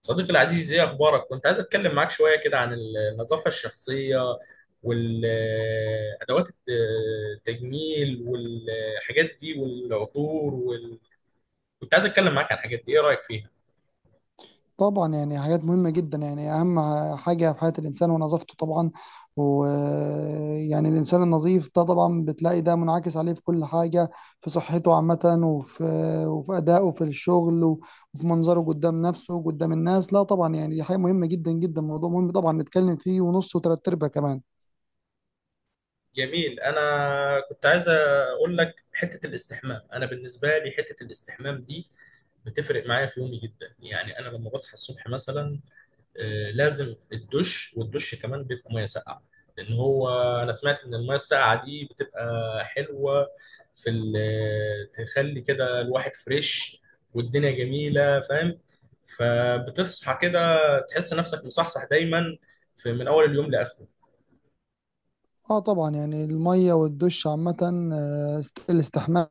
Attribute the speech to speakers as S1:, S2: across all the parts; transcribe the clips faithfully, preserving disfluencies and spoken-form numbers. S1: صديقي العزيز، ايه اخبارك؟ كنت عايز اتكلم معاك شويه كده عن النظافه الشخصيه، والادوات التجميل والحاجات دي والعطور وال... كنت عايز اتكلم معاك عن الحاجات دي، ايه رايك فيها؟
S2: طبعا يعني حاجات مهمة جدا يعني أهم حاجة في حياة الإنسان ونظافته طبعا، ويعني الإنسان النظيف ده طبعا بتلاقي ده منعكس عليه في كل حاجة في صحته عامة وفي وفي أدائه في الشغل وفي منظره قدام نفسه قدام الناس. لا طبعا يعني دي حاجة مهمة جدا جدا، موضوع مهم طبعا نتكلم فيه ونص وتلات أرباع كمان.
S1: جميل. انا كنت عايز اقول لك حته الاستحمام. انا بالنسبه لي حته الاستحمام دي بتفرق معايا في يومي جدا. يعني انا لما بصحى الصبح مثلا آه، لازم الدش، والدش كمان بيبقى ميه ساقعه، لان هو انا سمعت ان الميه الساقعه دي بتبقى حلوه في ال- آه، تخلي كده الواحد فريش والدنيا جميله، فاهم؟ فبتصحى كده تحس نفسك مصحصح دايما في من اول اليوم لاخره.
S2: اه طبعا يعني الميه والدش عامه، آه، الاستحمام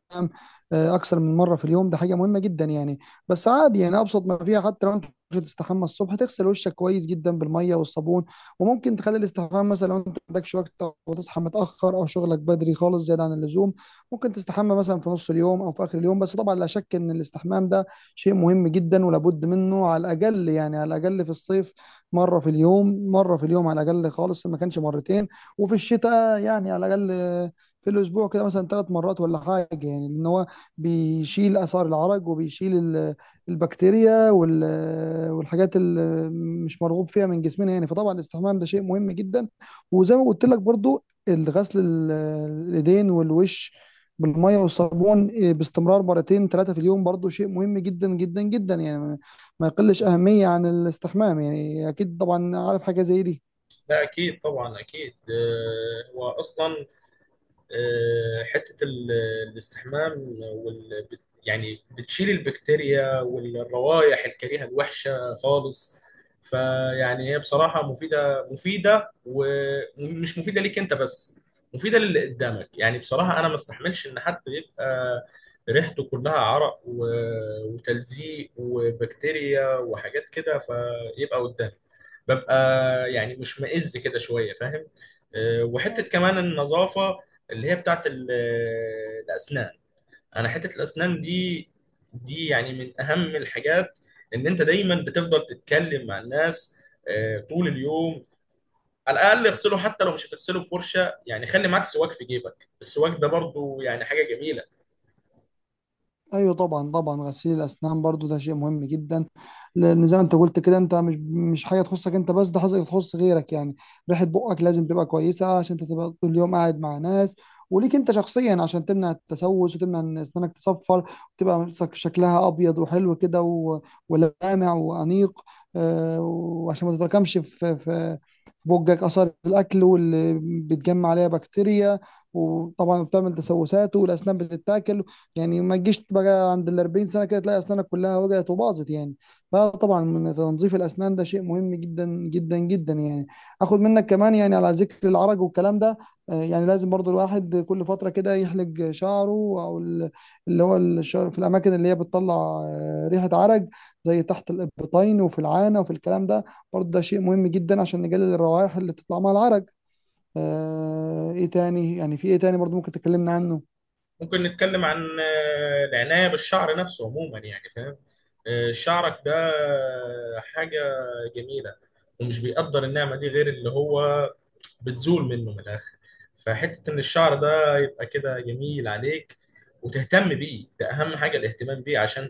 S2: آه، اكثر من مره في اليوم ده حاجه مهمه جدا يعني. بس عادي يعني ابسط ما فيها حتى لو انت مش هتستحمى الصبح تغسل وشك كويس جدا بالميه والصبون، وممكن تخلي الاستحمام مثلا لو انت ما عندكش وقت وتصحى متاخر او شغلك بدري خالص زياده عن اللزوم ممكن تستحمى مثلا في نص اليوم او في اخر اليوم. بس طبعا لا شك ان الاستحمام ده شيء مهم جدا ولابد منه، على الاقل يعني على الاقل في الصيف مره في اليوم، مره في اليوم على الاقل خالص ما كانش مرتين. وفي الشتاء يعني على الاقل آه، في الاسبوع كده مثلا ثلاث مرات ولا حاجه، يعني لان هو بيشيل اثار العرق وبيشيل ال- البكتيريا وال- والحاجات اللي مش مرغوب فيها من جسمنا يعني. فطبعا الاستحمام ده شيء مهم جدا. وزي ما قلت لك برضو الغسل ال- الايدين والوش بالميه والصابون، إيه، باستمرار مرتين ثلاثه في اليوم برضو شيء مهم جدا جدا جدا، يعني ما ما يقلش اهميه عن الاستحمام يعني، اكيد طبعا عارف حاجه زي دي.
S1: ده اكيد، طبعا اكيد. آه، هو اصلا آه، حتة ال- الاستحمام وال... يعني بتشيل البكتيريا والروائح الكريهة الوحشة خالص. فيعني هي بصراحة مفيدة، مفيدة ومش مفيدة ليك انت بس، مفيدة للي قدامك. يعني بصراحة انا ما استحملش ان حد يبقى ريحته كلها عرق و... وتلزيق وبكتيريا وحاجات كده، فيبقى قدامي، ببقى يعني مشمئز كده شوية، فاهم؟ آه، وحتة كمان النظافة اللي هي بتاعت ال- الأسنان. أنا حتة الأسنان دي، دي يعني من أهم الحاجات. إن أنت دايما بتفضل تتكلم مع الناس آه، طول اليوم، على الأقل اغسله حتى لو مش هتغسله بفرشة. يعني خلي معاك سواك في جيبك، السواك ده برضو يعني حاجة جميلة.
S2: ايوه طبعا طبعا غسيل الاسنان برضو ده شيء مهم جدا لان زي ما انت قلت كده انت مش مش حاجه تخصك انت بس، ده حاجه تخص غيرك يعني. ريحه بقك لازم تبقى كويسه عشان انت تبقى طول اليوم قاعد مع ناس، وليك انت شخصيا عشان تمنع التسوس وتمنع ان اسنانك تصفر وتبقى شك- شكلها ابيض وحلو كده و- ولامع وانيق. آه، وعشان ما تتراكمش في في في بقك اثار الاكل واللي بتجمع عليها بكتيريا وطبعا بتعمل تسوسات والاسنان بتتاكل، يعني ما تجيش بقى عند ال أربعين سنه كده تلاقي اسنانك كلها وجعت وباظت يعني. فطبعا من تنظيف الاسنان ده شيء مهم جدا جدا جدا يعني. اخد منك كمان يعني على ذكر العرج والكلام ده، آه، يعني لازم برضو الواحد كل فتره كده يحلق شعره او ال- اللي هو الشعر في الاماكن اللي هي بتطلع آه، ريحه عرج، زي تحت الابطين وفي العانه وفي الكلام ده. برضو ده شيء مهم جدا عشان نقلل الروائح اللي تطلع مع العرج. آه، ايه تاني يعني، في ايه تاني برضو ممكن تكلمنا عنه؟
S1: ممكن نتكلم عن آه، العناية بالشعر نفسه عموما، يعني فاهم؟ آه، شعرك ده حاجة جميلة، ومش بيقدر النعمة دي غير اللي هو بتزول منه من الاخر. فحته ان الشعر ده يبقى كده جميل عليك وتهتم بيه، ده اهم حاجه الاهتمام بيه، عشان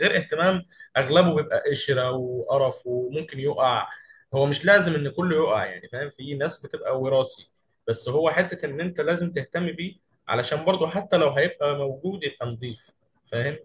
S1: غير اهتمام اغلبه بيبقى قشره وقرف وممكن يقع. هو مش لازم ان كله يقع، يعني فاهم، في ناس بتبقى وراثي، بس هو حته ان انت لازم تهتم بيه، علشان برضه حتى لو هيبقى موجود يبقى نظيف، فاهم؟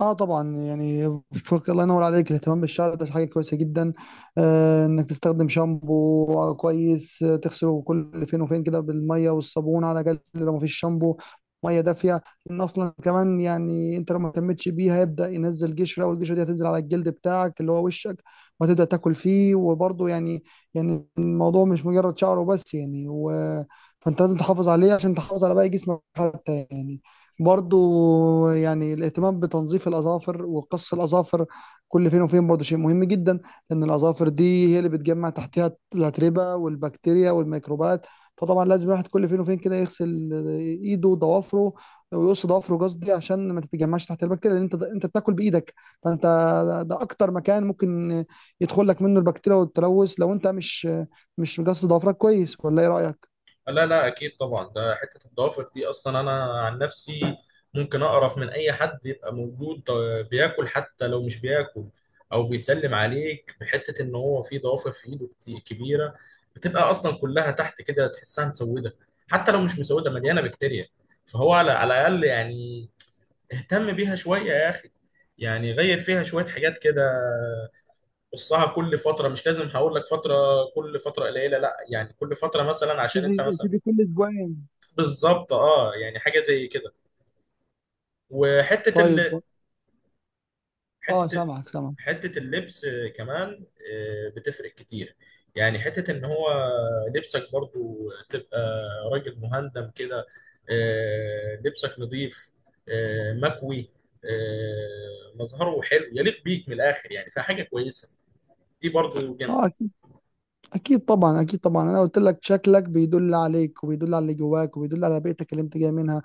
S2: اه طبعا يعني، فوق الله ينور عليك، الاهتمام بالشعر ده حاجه كويسه جدا. آه انك تستخدم شامبو آه، كويس، آه، تغسله كل فين وفين كده بالميه والصابون على الاقل لو مفيش شامبو، ميه دافيه. لان اصلا كمان يعني انت لو ما اهتمتش بيها يبدا ينزل قشره، والقشره دي هتنزل على الجلد بتاعك اللي هو وشك وهتبدا تاكل فيه وبرضه يعني، يعني الموضوع مش مجرد شعره بس يعني و... فانت لازم تحافظ عليه عشان تحافظ على باقي جسمك حتى يعني. برضو يعني الاهتمام بتنظيف الأظافر وقص الأظافر كل فين وفين برضو شيء مهم جدا، لأن الأظافر دي هي اللي بتجمع تحتها الأتربة والبكتيريا والميكروبات. فطبعا لازم الواحد كل فين وفين كده يغسل ايده وضوافره، ويقص ضوافره قصدي، عشان ما تتجمعش تحت البكتيريا، لان انت انت بتاكل بايدك. فانت ده اكتر مكان ممكن يدخل لك منه البكتيريا والتلوث لو انت مش مش مقص ضوافرك كويس، ولا ايه رايك؟
S1: لا لا اكيد طبعا، ده حته الضوافر دي اصلا، انا عن نفسي ممكن اقرف من اي حد يبقى موجود آه، بياكل، حتى لو مش بياكل او بيسلم عليك، بحته ان هو في ضوافر في ايده كت- كبيره، بتبقى اصلا كلها تحت كده تحسها مسوده، حتى لو مش مسوده مليانه بكتيريا. فهو على على الاقل يعني اهتم بيها شويه يا اخي، يعني غير فيها شويه حاجات كده، قصها كل فتره. مش لازم هقول لك فتره، كل فتره قليله، لا يعني كل فتره مثلا عشان انت
S2: ابتدي
S1: مثلا.
S2: ابتدي كل اسبوعين.
S1: بالظبط، اه، يعني حاجه زي كده. وحته
S2: طيب،
S1: ال...
S2: اه
S1: حته ال...
S2: سامعك سامعك.
S1: حته اللبس كمان آه، بتفرق كتير، يعني حته ان هو لبسك برضو تبقى راجل مهندم كده، آه، لبسك نظيف، آه، مكوي، آه، مظهره حلو يليق بيك من الاخر، يعني فحاجه كويسه دي برضو.
S2: اه اكيد، أكيد طبعا اكيد طبعا، انا قلت لك شكلك بيدل عليك وبيدل على اللي جواك وبيدل على بيئتك اللي انت جاي منها،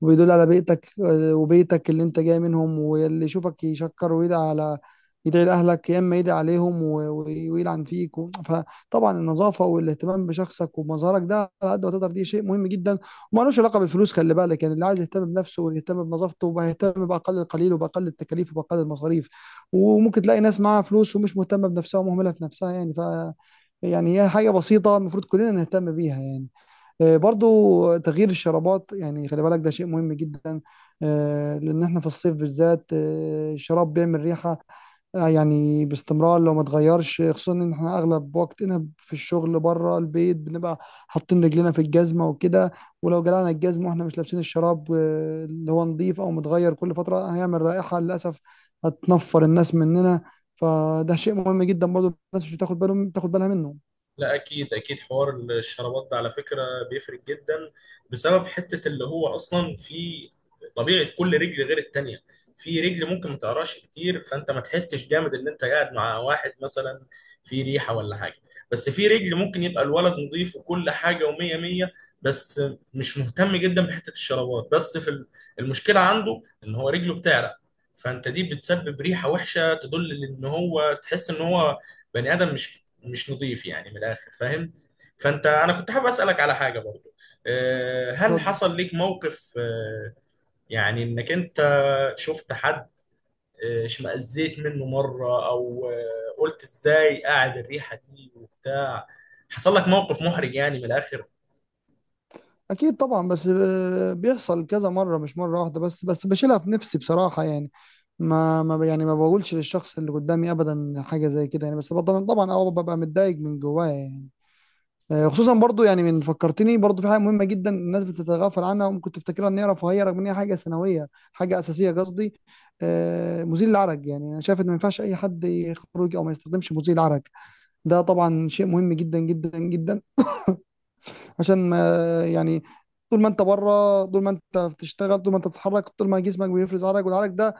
S2: وبيدل على بيئتك وبيتك اللي انت جاي منهم، واللي يشوفك يشكر ويدعي على، يدعي لأهلك يا إما يدعي عليهم و- و- ويلعن فيك و- فطبعا النظافة والاهتمام بشخصك ومظهرك ده على قد ما تقدر دي شيء مهم جدا. ومالوش علاقة بالفلوس، خلي بالك يعني، اللي عايز يهتم بنفسه ويهتم بنظافته وهيهتم بأقل القليل وبأقل التكاليف وبأقل المصاريف. وممكن تلاقي ناس معاها فلوس ومش مهتمة بنفسها ومهملة في نفسها، يعني ف يعني هي حاجة بسيطة المفروض كلنا نهتم بيها يعني. آه، برضو تغيير الشرابات يعني خلي بالك ده شيء مهم جدا. آه، لان احنا في الصيف بالذات آه، الشراب بيعمل ريحة، آه، يعني باستمرار لو ما اتغيرش، خصوصا ان احنا اغلب وقتنا في الشغل بره البيت بنبقى حاطين رجلنا في الجزمه وكده. ولو جلعنا الجزمه واحنا مش لابسين الشراب آه، اللي هو نظيف او متغير كل فتره، هيعمل رائحه للاسف هتنفر الناس مننا. فده شيء مهم جدا برضو، الناس مش بتاخد بالهم بتاخد بالها منه.
S1: لا اكيد اكيد، حوار الشرابات ده على فكره بيفرق جدا، بسبب حته اللي هو اصلا في طبيعه كل رجل غير التانيه. في رجل ممكن ما تقراش كتير فانت ما تحسش جامد ان انت قاعد مع واحد مثلا في ريحه ولا حاجه، بس في رجل ممكن يبقى الولد نظيف وكل حاجه ومية مية، بس مش مهتم جدا بحته الشرابات، بس في ال- المشكله عنده ان هو رجله بتعرق، فانت دي بتسبب ريحه وحشه تدل ان هو، تحس ان هو بني ادم مش مش نظيف يعني من الاخر، فاهم؟ فانت، انا كنت حابب اسالك على حاجه برضو. آه، هل حصل ليك موقف آه، يعني انك انت شفت حد آه، اشمئزيت منه مره، او آه، قلت ازاي قاعد الريحه دي وبتاع؟ حصل لك موقف محرج يعني من الاخر؟
S2: اكيد طبعا، بس آه، بيحصل كذا مره مش مره واحده بس، بس بشيلها في نفسي بصراحه يعني. ما ما ب- يعني ما بقولش للشخص اللي قدامي ابدا حاجه زي كده يعني، بس طبعا طبعا اه ببقى متضايق من جوايا يعني. آه، خصوصا برضو يعني، من فكرتني برضو في حاجه مهمه جدا الناس بتتغافل عنها وممكن تفتكرها ان هي رفاهيه رغم ان هي حاجه ثانويه، حاجه اساسيه قصدي. آه، مزيل العرق، يعني انا شايف ان ما ينفعش اي حد يخرج او ما يستخدمش مزيل العرق. ده طبعا شيء مهم جدا جدا جدا عشان ما يعني، طول ما انت بره طول ما انت بتشتغل طول ما انت بتتحرك طول ما جسمك بيفرز عرق، والعرق ده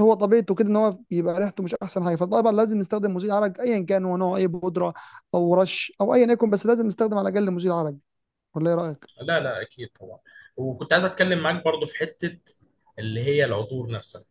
S2: هو طبيعته كده ان هو بيبقى ريحته مش احسن حاجه. فطبعا لازم نستخدم مزيل عرق ايا كان هو نوعه، اي بودره او رش او ايا يكن، بس لازم نستخدم على الاقل مزيل عرق. ولا ايه رايك؟
S1: لا لا اكيد طبعا. وكنت عايز اتكلم معاك برضو في حته اللي هي العطور نفسها،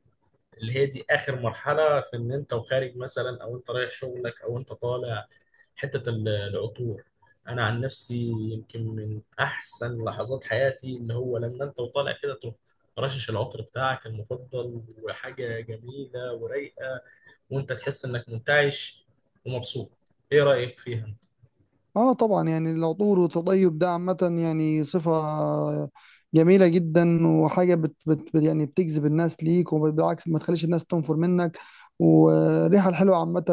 S1: اللي هي دي اخر مرحله في ان انت وخارج مثلا، او انت رايح شغلك او انت طالع. حتة ال- العطور، أنا عن نفسي يمكن من أحسن لحظات حياتي اللي هو لما أنت وطالع كده تروح رشش العطر بتاعك المفضل، وحاجة جميلة ورايقة، وأنت تحس إنك منتعش ومبسوط. إيه رأيك فيها؟
S2: اه طبعا يعني العطور والتطيب ده عامة يعني صفة جميلة جدا، وحاجة بت بت بت- يعني بتجذب الناس ليك وبالعكس ما تخليش الناس تنفر منك. والريحة الحلوة عامة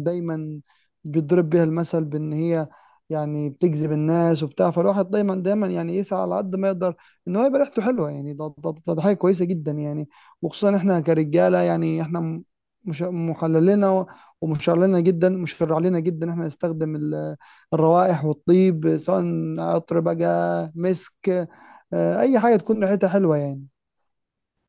S2: دايما بيتضرب بيها المثل، بان هي يعني بتجذب الناس وبتاع. فالواحد دايما دايما يعني يسعى على قد ما يقدر ان هو يبقى ريحته حلوة يعني، ده ده ده ده حاجة كويسة جدا يعني. وخصوصا احنا كرجالة يعني، احنا م- مش محللنا، ومشرع لنا جدا، مشرع لنا جدا احنا نستخدم ال الروائح والطيب، سواء عطر بقى، مسك، آه، اي حاجه تكون ريحتها حلوه يعني.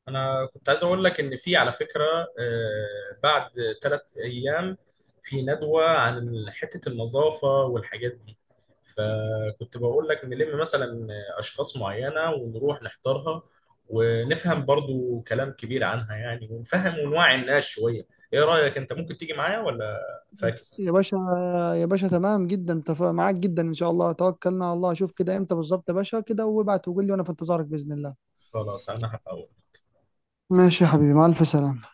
S1: انا كنت عايز اقول لك ان في على فكره آه، بعد تلات ايام في ندوه عن حته النظافه والحاجات دي، فكنت بقول لك نلم مثلا اشخاص معينه ونروح نحضرها، ونفهم برضو كلام كبير عنها يعني، ونفهم ونوعي الناس شويه. ايه رايك، انت ممكن تيجي معايا ولا فاكس؟
S2: يا باشا، يا باشا تمام جدا، تف... معاك جدا ان شاء الله، توكلنا على الله. شوف كده امتى بالظبط يا باشا كده وابعت وقول لي، وانا في انتظارك باذن الله.
S1: خلاص، انا هبقى أقول.
S2: ماشي يا حبيبي، مع الف سلامه.